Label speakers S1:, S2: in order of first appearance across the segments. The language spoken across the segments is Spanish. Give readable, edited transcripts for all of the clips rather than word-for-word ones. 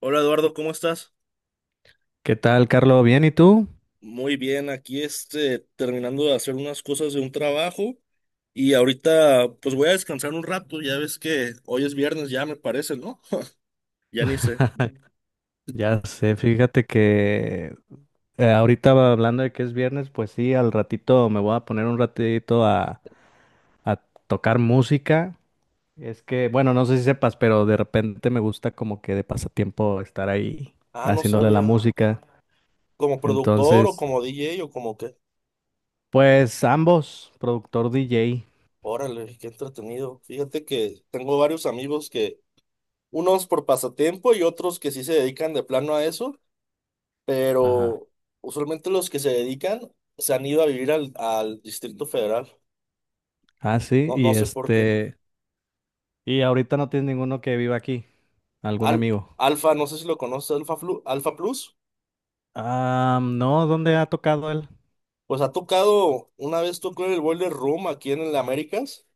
S1: Hola Eduardo, ¿cómo estás?
S2: ¿Qué tal, Carlos? ¿Bien y tú?
S1: Muy bien, aquí terminando de hacer unas cosas de un trabajo y ahorita pues voy a descansar un rato, ya ves que hoy es viernes ya me parece, ¿no? Ya ni sé.
S2: Ya sé, fíjate que ahorita hablando de que es viernes, pues sí, al ratito me voy a poner un ratito a tocar música. Es que, bueno, no sé si sepas, pero de repente me gusta como que de pasatiempo estar ahí
S1: Ah, no
S2: haciéndole la
S1: sabía.
S2: música.
S1: ¿Como productor o
S2: Entonces,
S1: como DJ o como qué?
S2: pues ambos, productor DJ.
S1: Órale, qué entretenido. Fíjate que tengo varios amigos que, unos por pasatiempo y otros que sí se dedican de plano a eso,
S2: Ajá.
S1: pero usualmente los que se dedican se han ido a vivir al Distrito Federal.
S2: Ah, sí,
S1: No, no
S2: y
S1: sé por qué.
S2: este, y ahorita no tienes ninguno que viva aquí, algún
S1: Al-
S2: amigo.
S1: Alfa, no sé si lo conoces, Alfa, Alfa Plus.
S2: Ah, no, ¿dónde ha tocado él?
S1: Pues ha tocado, una vez tocó en el Boiler Room aquí en el Américas.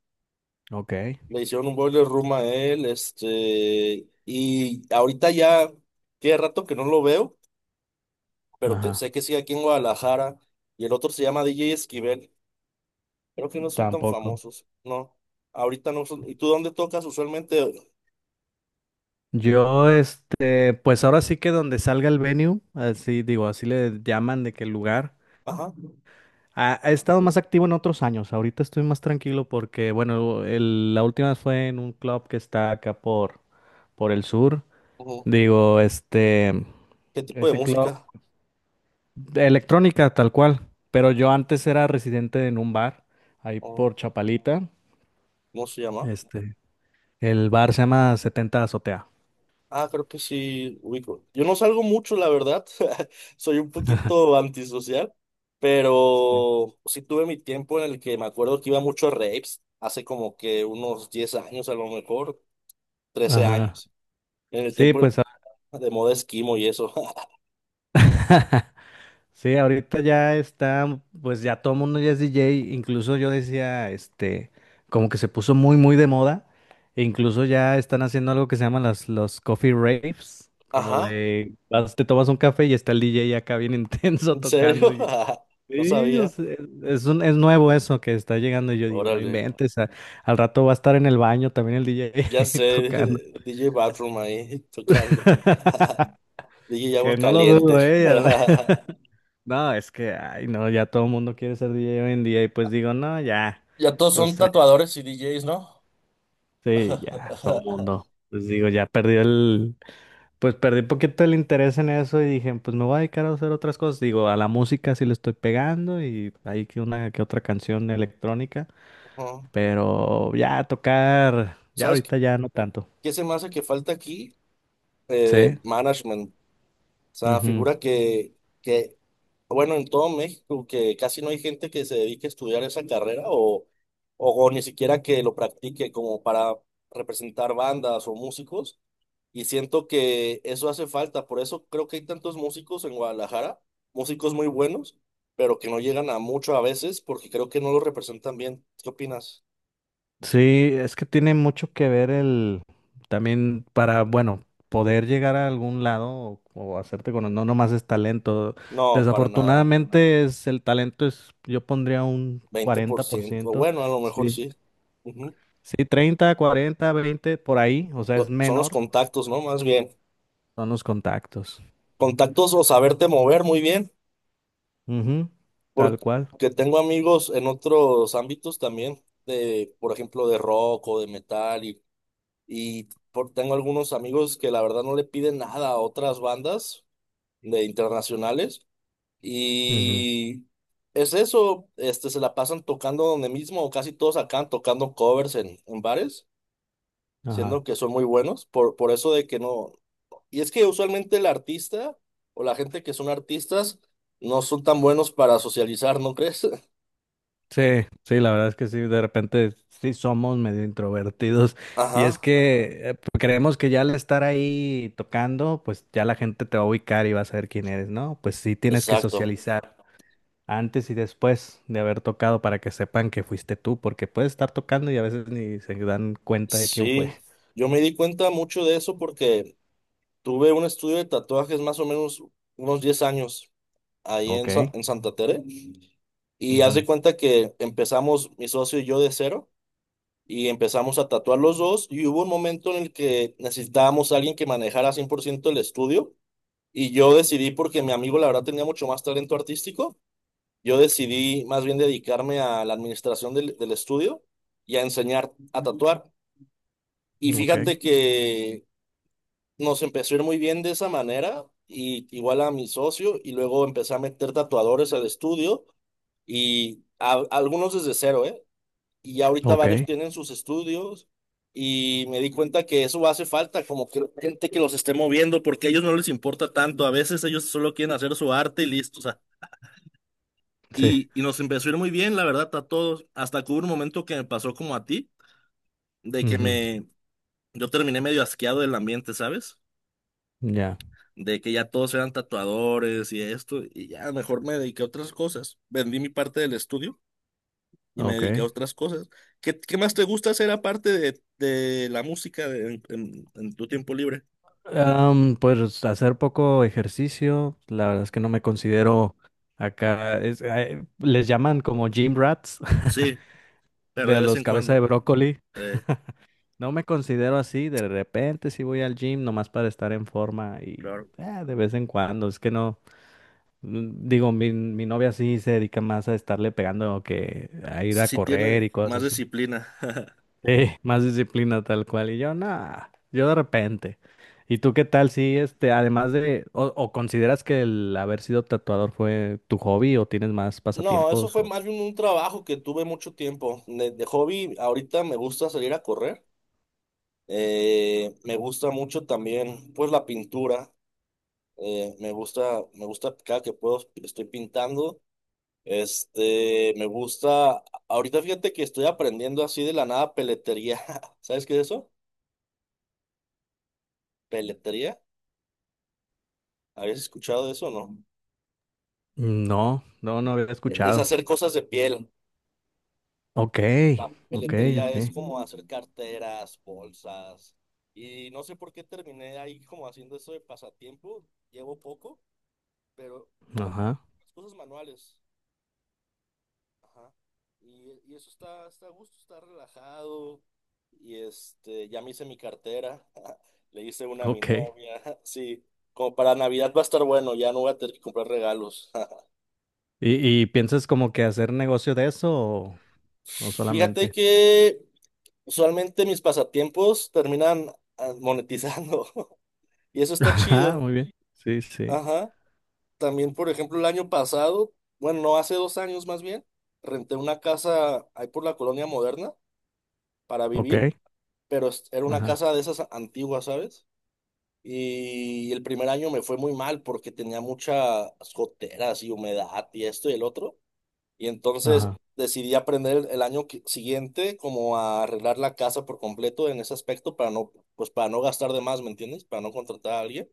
S2: Ok,
S1: Le hicieron un Boiler Room a él. Y ahorita ya tiene rato que no lo veo, pero
S2: ajá,
S1: sé que sigue aquí en Guadalajara. Y el otro se llama DJ Esquivel. Creo que no son tan
S2: tampoco.
S1: famosos, no. Ahorita no son. ¿Y tú dónde tocas usualmente?
S2: Yo, este, pues ahora sí que donde salga el venue, así digo, así le llaman de qué lugar.
S1: Ajá.
S2: Ha, he estado más activo en otros años. Ahorita estoy más tranquilo porque, bueno, la última fue en un club que está acá por el sur.
S1: Ujú.
S2: Digo, este,
S1: ¿Qué tipo de
S2: ese club
S1: música?
S2: de electrónica tal cual. Pero yo antes era residente en un bar ahí
S1: ¿O
S2: por Chapalita.
S1: cómo se llama?
S2: Este, el bar se llama Setenta Azotea.
S1: Ah, creo que sí, ubico. Yo no salgo mucho, la verdad. Soy un poquito antisocial,
S2: Sí.
S1: pero sí tuve mi tiempo en el que me acuerdo que iba mucho a raves, hace como que unos 10 años a lo mejor, trece
S2: Ajá.
S1: años, en el
S2: Sí, pues
S1: tiempo de moda esquimo y eso.
S2: sí, ahorita ya está, pues ya todo el mundo ya es DJ, incluso yo decía, este, como que se puso muy, muy de moda, e incluso ya están haciendo algo que se llaman los coffee raves, como
S1: Ajá,
S2: de, vas, te tomas un café y está el DJ acá bien intenso
S1: ¿en
S2: tocando
S1: serio?
S2: y...
S1: No
S2: Sí, o
S1: sabía.
S2: sea, es nuevo eso que está llegando y yo digo, no
S1: Órale,
S2: inventes, al rato va a estar en el baño también el
S1: ya sé.
S2: DJ tocando,
S1: DJ Bathroom ahí tocando. DJ Agua
S2: que no lo
S1: Caliente.
S2: dudo, eh. No, es que, ay, no, ya todo el mundo quiere ser DJ hoy en día y pues digo, no, ya,
S1: Ya todos
S2: o
S1: son
S2: sea,
S1: tatuadores y DJs, ¿no?
S2: sí, ya, todo el
S1: Ajá.
S2: mundo, pues digo, ya perdí el, pues perdí un poquito el interés en eso y dije, pues me voy a dedicar a hacer otras cosas, digo, a la música sí le estoy pegando y hay que una que otra canción electrónica, pero ya tocar, ya
S1: ¿Sabes qué
S2: ahorita ya no tanto,
S1: qué se me hace que falta aquí?
S2: sí.
S1: Management. O sea, figura que bueno, en todo México, que casi no hay gente que se dedique a estudiar esa carrera o ni siquiera que lo practique como para representar bandas o músicos. Y siento que eso hace falta. Por eso creo que hay tantos músicos en Guadalajara, músicos muy buenos, pero que no llegan a mucho a veces porque creo que no lo representan bien. ¿Qué opinas?
S2: Sí, es que tiene mucho que ver el también para, bueno, poder llegar a algún lado o hacerte con, no nomás es talento.
S1: No, para nada.
S2: Desafortunadamente es el talento es yo pondría un
S1: veinte por
S2: cuarenta por
S1: ciento
S2: ciento
S1: Bueno, a lo mejor
S2: Sí.
S1: sí. Ujú.
S2: Sí, 30 40 20 por ahí, o sea, es
S1: Son los
S2: menor,
S1: contactos, ¿no? Más bien.
S2: son los contactos.
S1: Contactos o saberte mover muy bien,
S2: Ujú, tal cual.
S1: porque tengo amigos en otros ámbitos también, de, por ejemplo, de rock o de metal, y tengo algunos amigos que la verdad no le piden nada a otras bandas de internacionales,
S2: Ujú,
S1: y es eso, se la pasan tocando donde mismo, o casi todos acaban tocando covers en bares,
S2: ajá.
S1: siendo que son muy buenos, por eso de que no. Y es que usualmente el artista o la gente que son artistas no son tan buenos para socializar, ¿no crees?
S2: Sí, sí, la verdad es que sí, de repente sí somos medio introvertidos y es
S1: Ajá,
S2: que creemos que ya al estar ahí tocando, pues ya la gente te va a ubicar y va a saber quién eres, ¿no? Pues sí tienes que
S1: exacto.
S2: socializar antes y después de haber tocado para que sepan que fuiste tú, porque puedes estar tocando y a veces ni se dan cuenta de quién fue.
S1: Sí, yo me di cuenta mucho de eso porque tuve un estudio de tatuajes más o menos unos 10 años ahí
S2: Ok,
S1: en Santa Tere y haz de
S2: ujú,
S1: cuenta que empezamos mi socio y yo de cero y empezamos a tatuar los dos y hubo un momento en el que necesitábamos a alguien que manejara 100% el estudio y yo decidí porque mi amigo la verdad tenía mucho más talento artístico. Yo decidí más bien dedicarme a la administración del estudio y a enseñar a tatuar. Y
S2: ok,
S1: fíjate que nos empezó a ir muy bien de esa manera, y igual a mi socio, y luego empecé a meter tatuadores al estudio, y algunos desde cero, ¿eh? Y ya ahorita
S2: ok,
S1: varios tienen sus estudios, y me di cuenta que eso hace falta, como que gente que los esté moviendo, porque a ellos no les importa tanto, a veces ellos solo quieren hacer su arte y listo.
S2: sí,
S1: Y nos empezó a ir muy bien, la verdad, a todos. Hasta que hubo un momento que me pasó como a ti, de que
S2: ujú,
S1: yo terminé medio asqueado del ambiente, ¿sabes?
S2: ya,
S1: De que ya todos eran tatuadores y esto, y ya mejor me dediqué a otras cosas. Vendí mi parte del estudio y me dediqué a
S2: ok.
S1: otras cosas. ¿Qué más te gusta hacer aparte de la música en tu tiempo libre?
S2: Pues hacer poco ejercicio, la verdad es que no me considero acá, les llaman como gym rats,
S1: Sí, pero
S2: de
S1: de vez
S2: los
S1: en
S2: cabeza de
S1: cuando.
S2: brócoli.
S1: eh,
S2: No me considero así, de repente sí voy al gym nomás para estar en forma y
S1: claro.
S2: de vez en cuando, es que no, digo, mi novia sí se dedica más a estarle pegando que a ir
S1: Sí,
S2: a
S1: sí tiene
S2: correr y
S1: más
S2: cosas así.
S1: disciplina.
S2: Sí, más disciplina tal cual. Y yo, nada, yo de repente. ¿Y tú qué tal si, este, además o consideras que el haber sido tatuador fue tu hobby o tienes más
S1: No, eso
S2: pasatiempos?
S1: fue
S2: O...
S1: más bien un trabajo que tuve mucho tiempo. De hobby, ahorita me gusta salir a correr. Me gusta mucho también, pues, la pintura. Me gusta cada que puedo, estoy pintando. Me gusta. Ahorita fíjate que estoy aprendiendo así de la nada peletería. ¿Sabes qué es eso? ¿Peletería? ¿Habías escuchado de eso o no?
S2: No, no, no había
S1: Es
S2: escuchado.
S1: hacer cosas de piel.
S2: Ok,
S1: La
S2: ok,
S1: peletería es
S2: ok.
S1: como hacer carteras, bolsas. Y no sé por qué terminé ahí como haciendo eso de pasatiempo. Llevo poco, pero como que
S2: Ajá,
S1: las cosas manuales. Ajá. Y eso está a gusto, está relajado. Y ya me hice mi cartera. Le hice una a mi
S2: ok.
S1: novia. Sí, como para Navidad va a estar bueno, ya no voy a tener que comprar regalos.
S2: ¿Y piensas como que hacer negocio de eso o
S1: Fíjate
S2: solamente?
S1: que usualmente mis pasatiempos terminan monetizando. Y eso está
S2: Ajá,
S1: chido.
S2: muy bien. Sí, sí.
S1: Ajá. También, por ejemplo, el año pasado, bueno, no, hace 2 años más bien, renté una casa ahí por la Colonia Moderna para
S2: Ok.
S1: vivir, pero era una
S2: Ajá,
S1: casa de esas antiguas, ¿sabes? Y el primer año me fue muy mal porque tenía muchas goteras y humedad y esto y el otro. Y entonces
S2: ajá.
S1: decidí aprender el año siguiente como a arreglar la casa por completo en ese aspecto para no, pues para no gastar de más, ¿me entiendes? Para no contratar a alguien.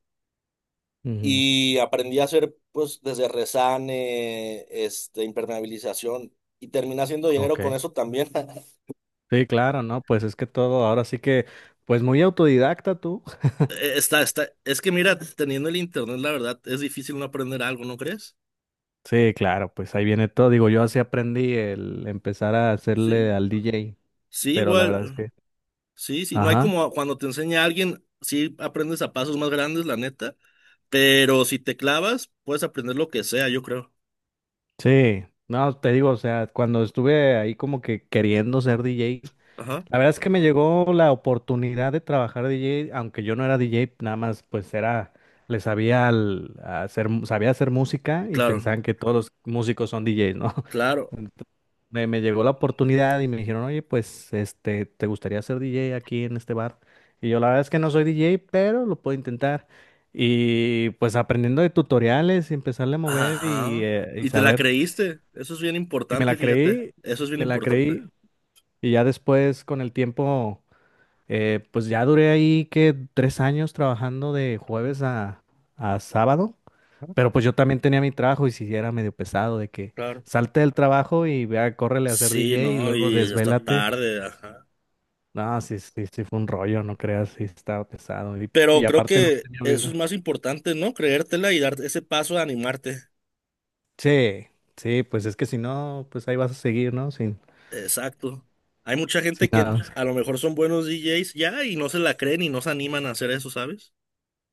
S2: Ujú,
S1: Y aprendí a hacer, pues, desde resane, impermeabilización, y terminé haciendo dinero con
S2: ok.
S1: eso también.
S2: Sí, claro, ¿no? Pues es que todo, ahora sí que, pues muy autodidacta tú.
S1: Está es que mira, teniendo el internet, la verdad, es difícil no aprender algo, ¿no crees?
S2: Sí, claro, pues ahí viene todo. Digo, yo así aprendí el empezar a hacerle
S1: Sí,
S2: al DJ,
S1: sí,
S2: pero la verdad es
S1: igual,
S2: que...
S1: sí, sí, no hay
S2: Ajá.
S1: como cuando te enseña alguien, sí aprendes a pasos más grandes, la neta, pero si te clavas, puedes aprender lo que sea, yo creo.
S2: Sí, no, te digo, o sea, cuando estuve ahí como que queriendo ser DJ,
S1: Ajá,
S2: la verdad es que me llegó la oportunidad de trabajar de DJ, aunque yo no era DJ, nada más pues era, le sabía al- a hacer, sabía hacer música y
S1: claro,
S2: pensaban que todos los músicos son DJs, ¿no?
S1: claro,
S2: Ent- me llegó la oportunidad y me dijeron, oye, pues este, ¿te gustaría ser DJ aquí en este bar? Y yo la verdad es que no soy DJ, pero lo puedo intentar. Y pues aprendiendo de tutoriales y empezarle a mover
S1: ajá.
S2: y
S1: Y te la
S2: saber.
S1: creíste, eso es bien
S2: Y me
S1: importante,
S2: la
S1: fíjate,
S2: creí,
S1: eso es bien
S2: me la
S1: importante.
S2: creí. Y ya después con el tiempo pues ya duré ahí que 3 años trabajando de jueves a sábado, pero pues yo también tenía mi trabajo y si era medio pesado de que
S1: Claro.
S2: salte del trabajo y vea, córrele a ser DJ
S1: Sí,
S2: y
S1: no,
S2: luego
S1: y hasta
S2: desvélate. Mm,
S1: tarde, ajá.
S2: no, sí, sí, sí fue un rollo, no creas, sí estaba pesado
S1: Pero
S2: y
S1: creo
S2: aparte no
S1: que
S2: tenía
S1: eso es
S2: vida.
S1: más importante, ¿no? Creértela y dar ese paso de animarte.
S2: Sí, sí, pues es que si no, pues ahí vas a seguir, ¿no? Sin,
S1: Exacto. Hay mucha
S2: sin
S1: gente que
S2: nada.
S1: a lo mejor son buenos DJs ya y no se la creen y no se animan a hacer eso, ¿sabes?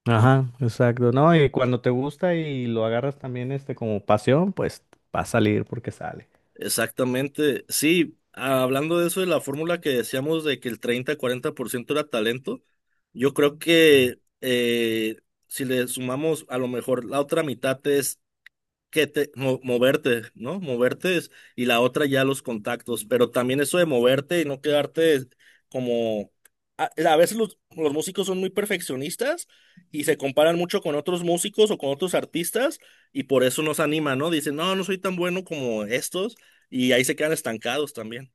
S2: Ajá, exacto, ¿no? Y cuando te gusta y lo agarras también este como pasión, pues va a salir porque sale.
S1: Exactamente. Sí, hablando de eso de la fórmula que decíamos de que el 30-40% era talento, yo creo que si le sumamos a lo mejor la otra mitad es que te moverte, ¿no? Moverte y la otra ya los contactos, pero también eso de moverte y no quedarte como a veces los músicos son muy perfeccionistas y se comparan mucho con otros músicos o con otros artistas y por eso nos animan, ¿no? Dicen, "No, no soy tan bueno como estos" y ahí se quedan estancados también,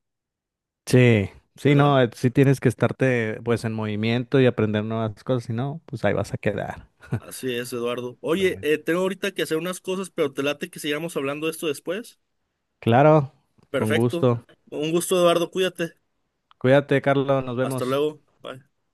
S2: Sí, sí,
S1: ¿verdad?
S2: no, sí tienes que estarte pues en movimiento y aprender nuevas cosas, si no, pues ahí vas a quedar.
S1: Así es, Eduardo.
S2: Pero
S1: Oye,
S2: bueno,
S1: tengo ahorita que hacer unas cosas, pero te late que sigamos hablando de esto después.
S2: claro, con
S1: Perfecto.
S2: gusto.
S1: Un gusto, Eduardo. Cuídate.
S2: Cuídate, Carlos, nos
S1: Hasta
S2: vemos.
S1: luego. Bye.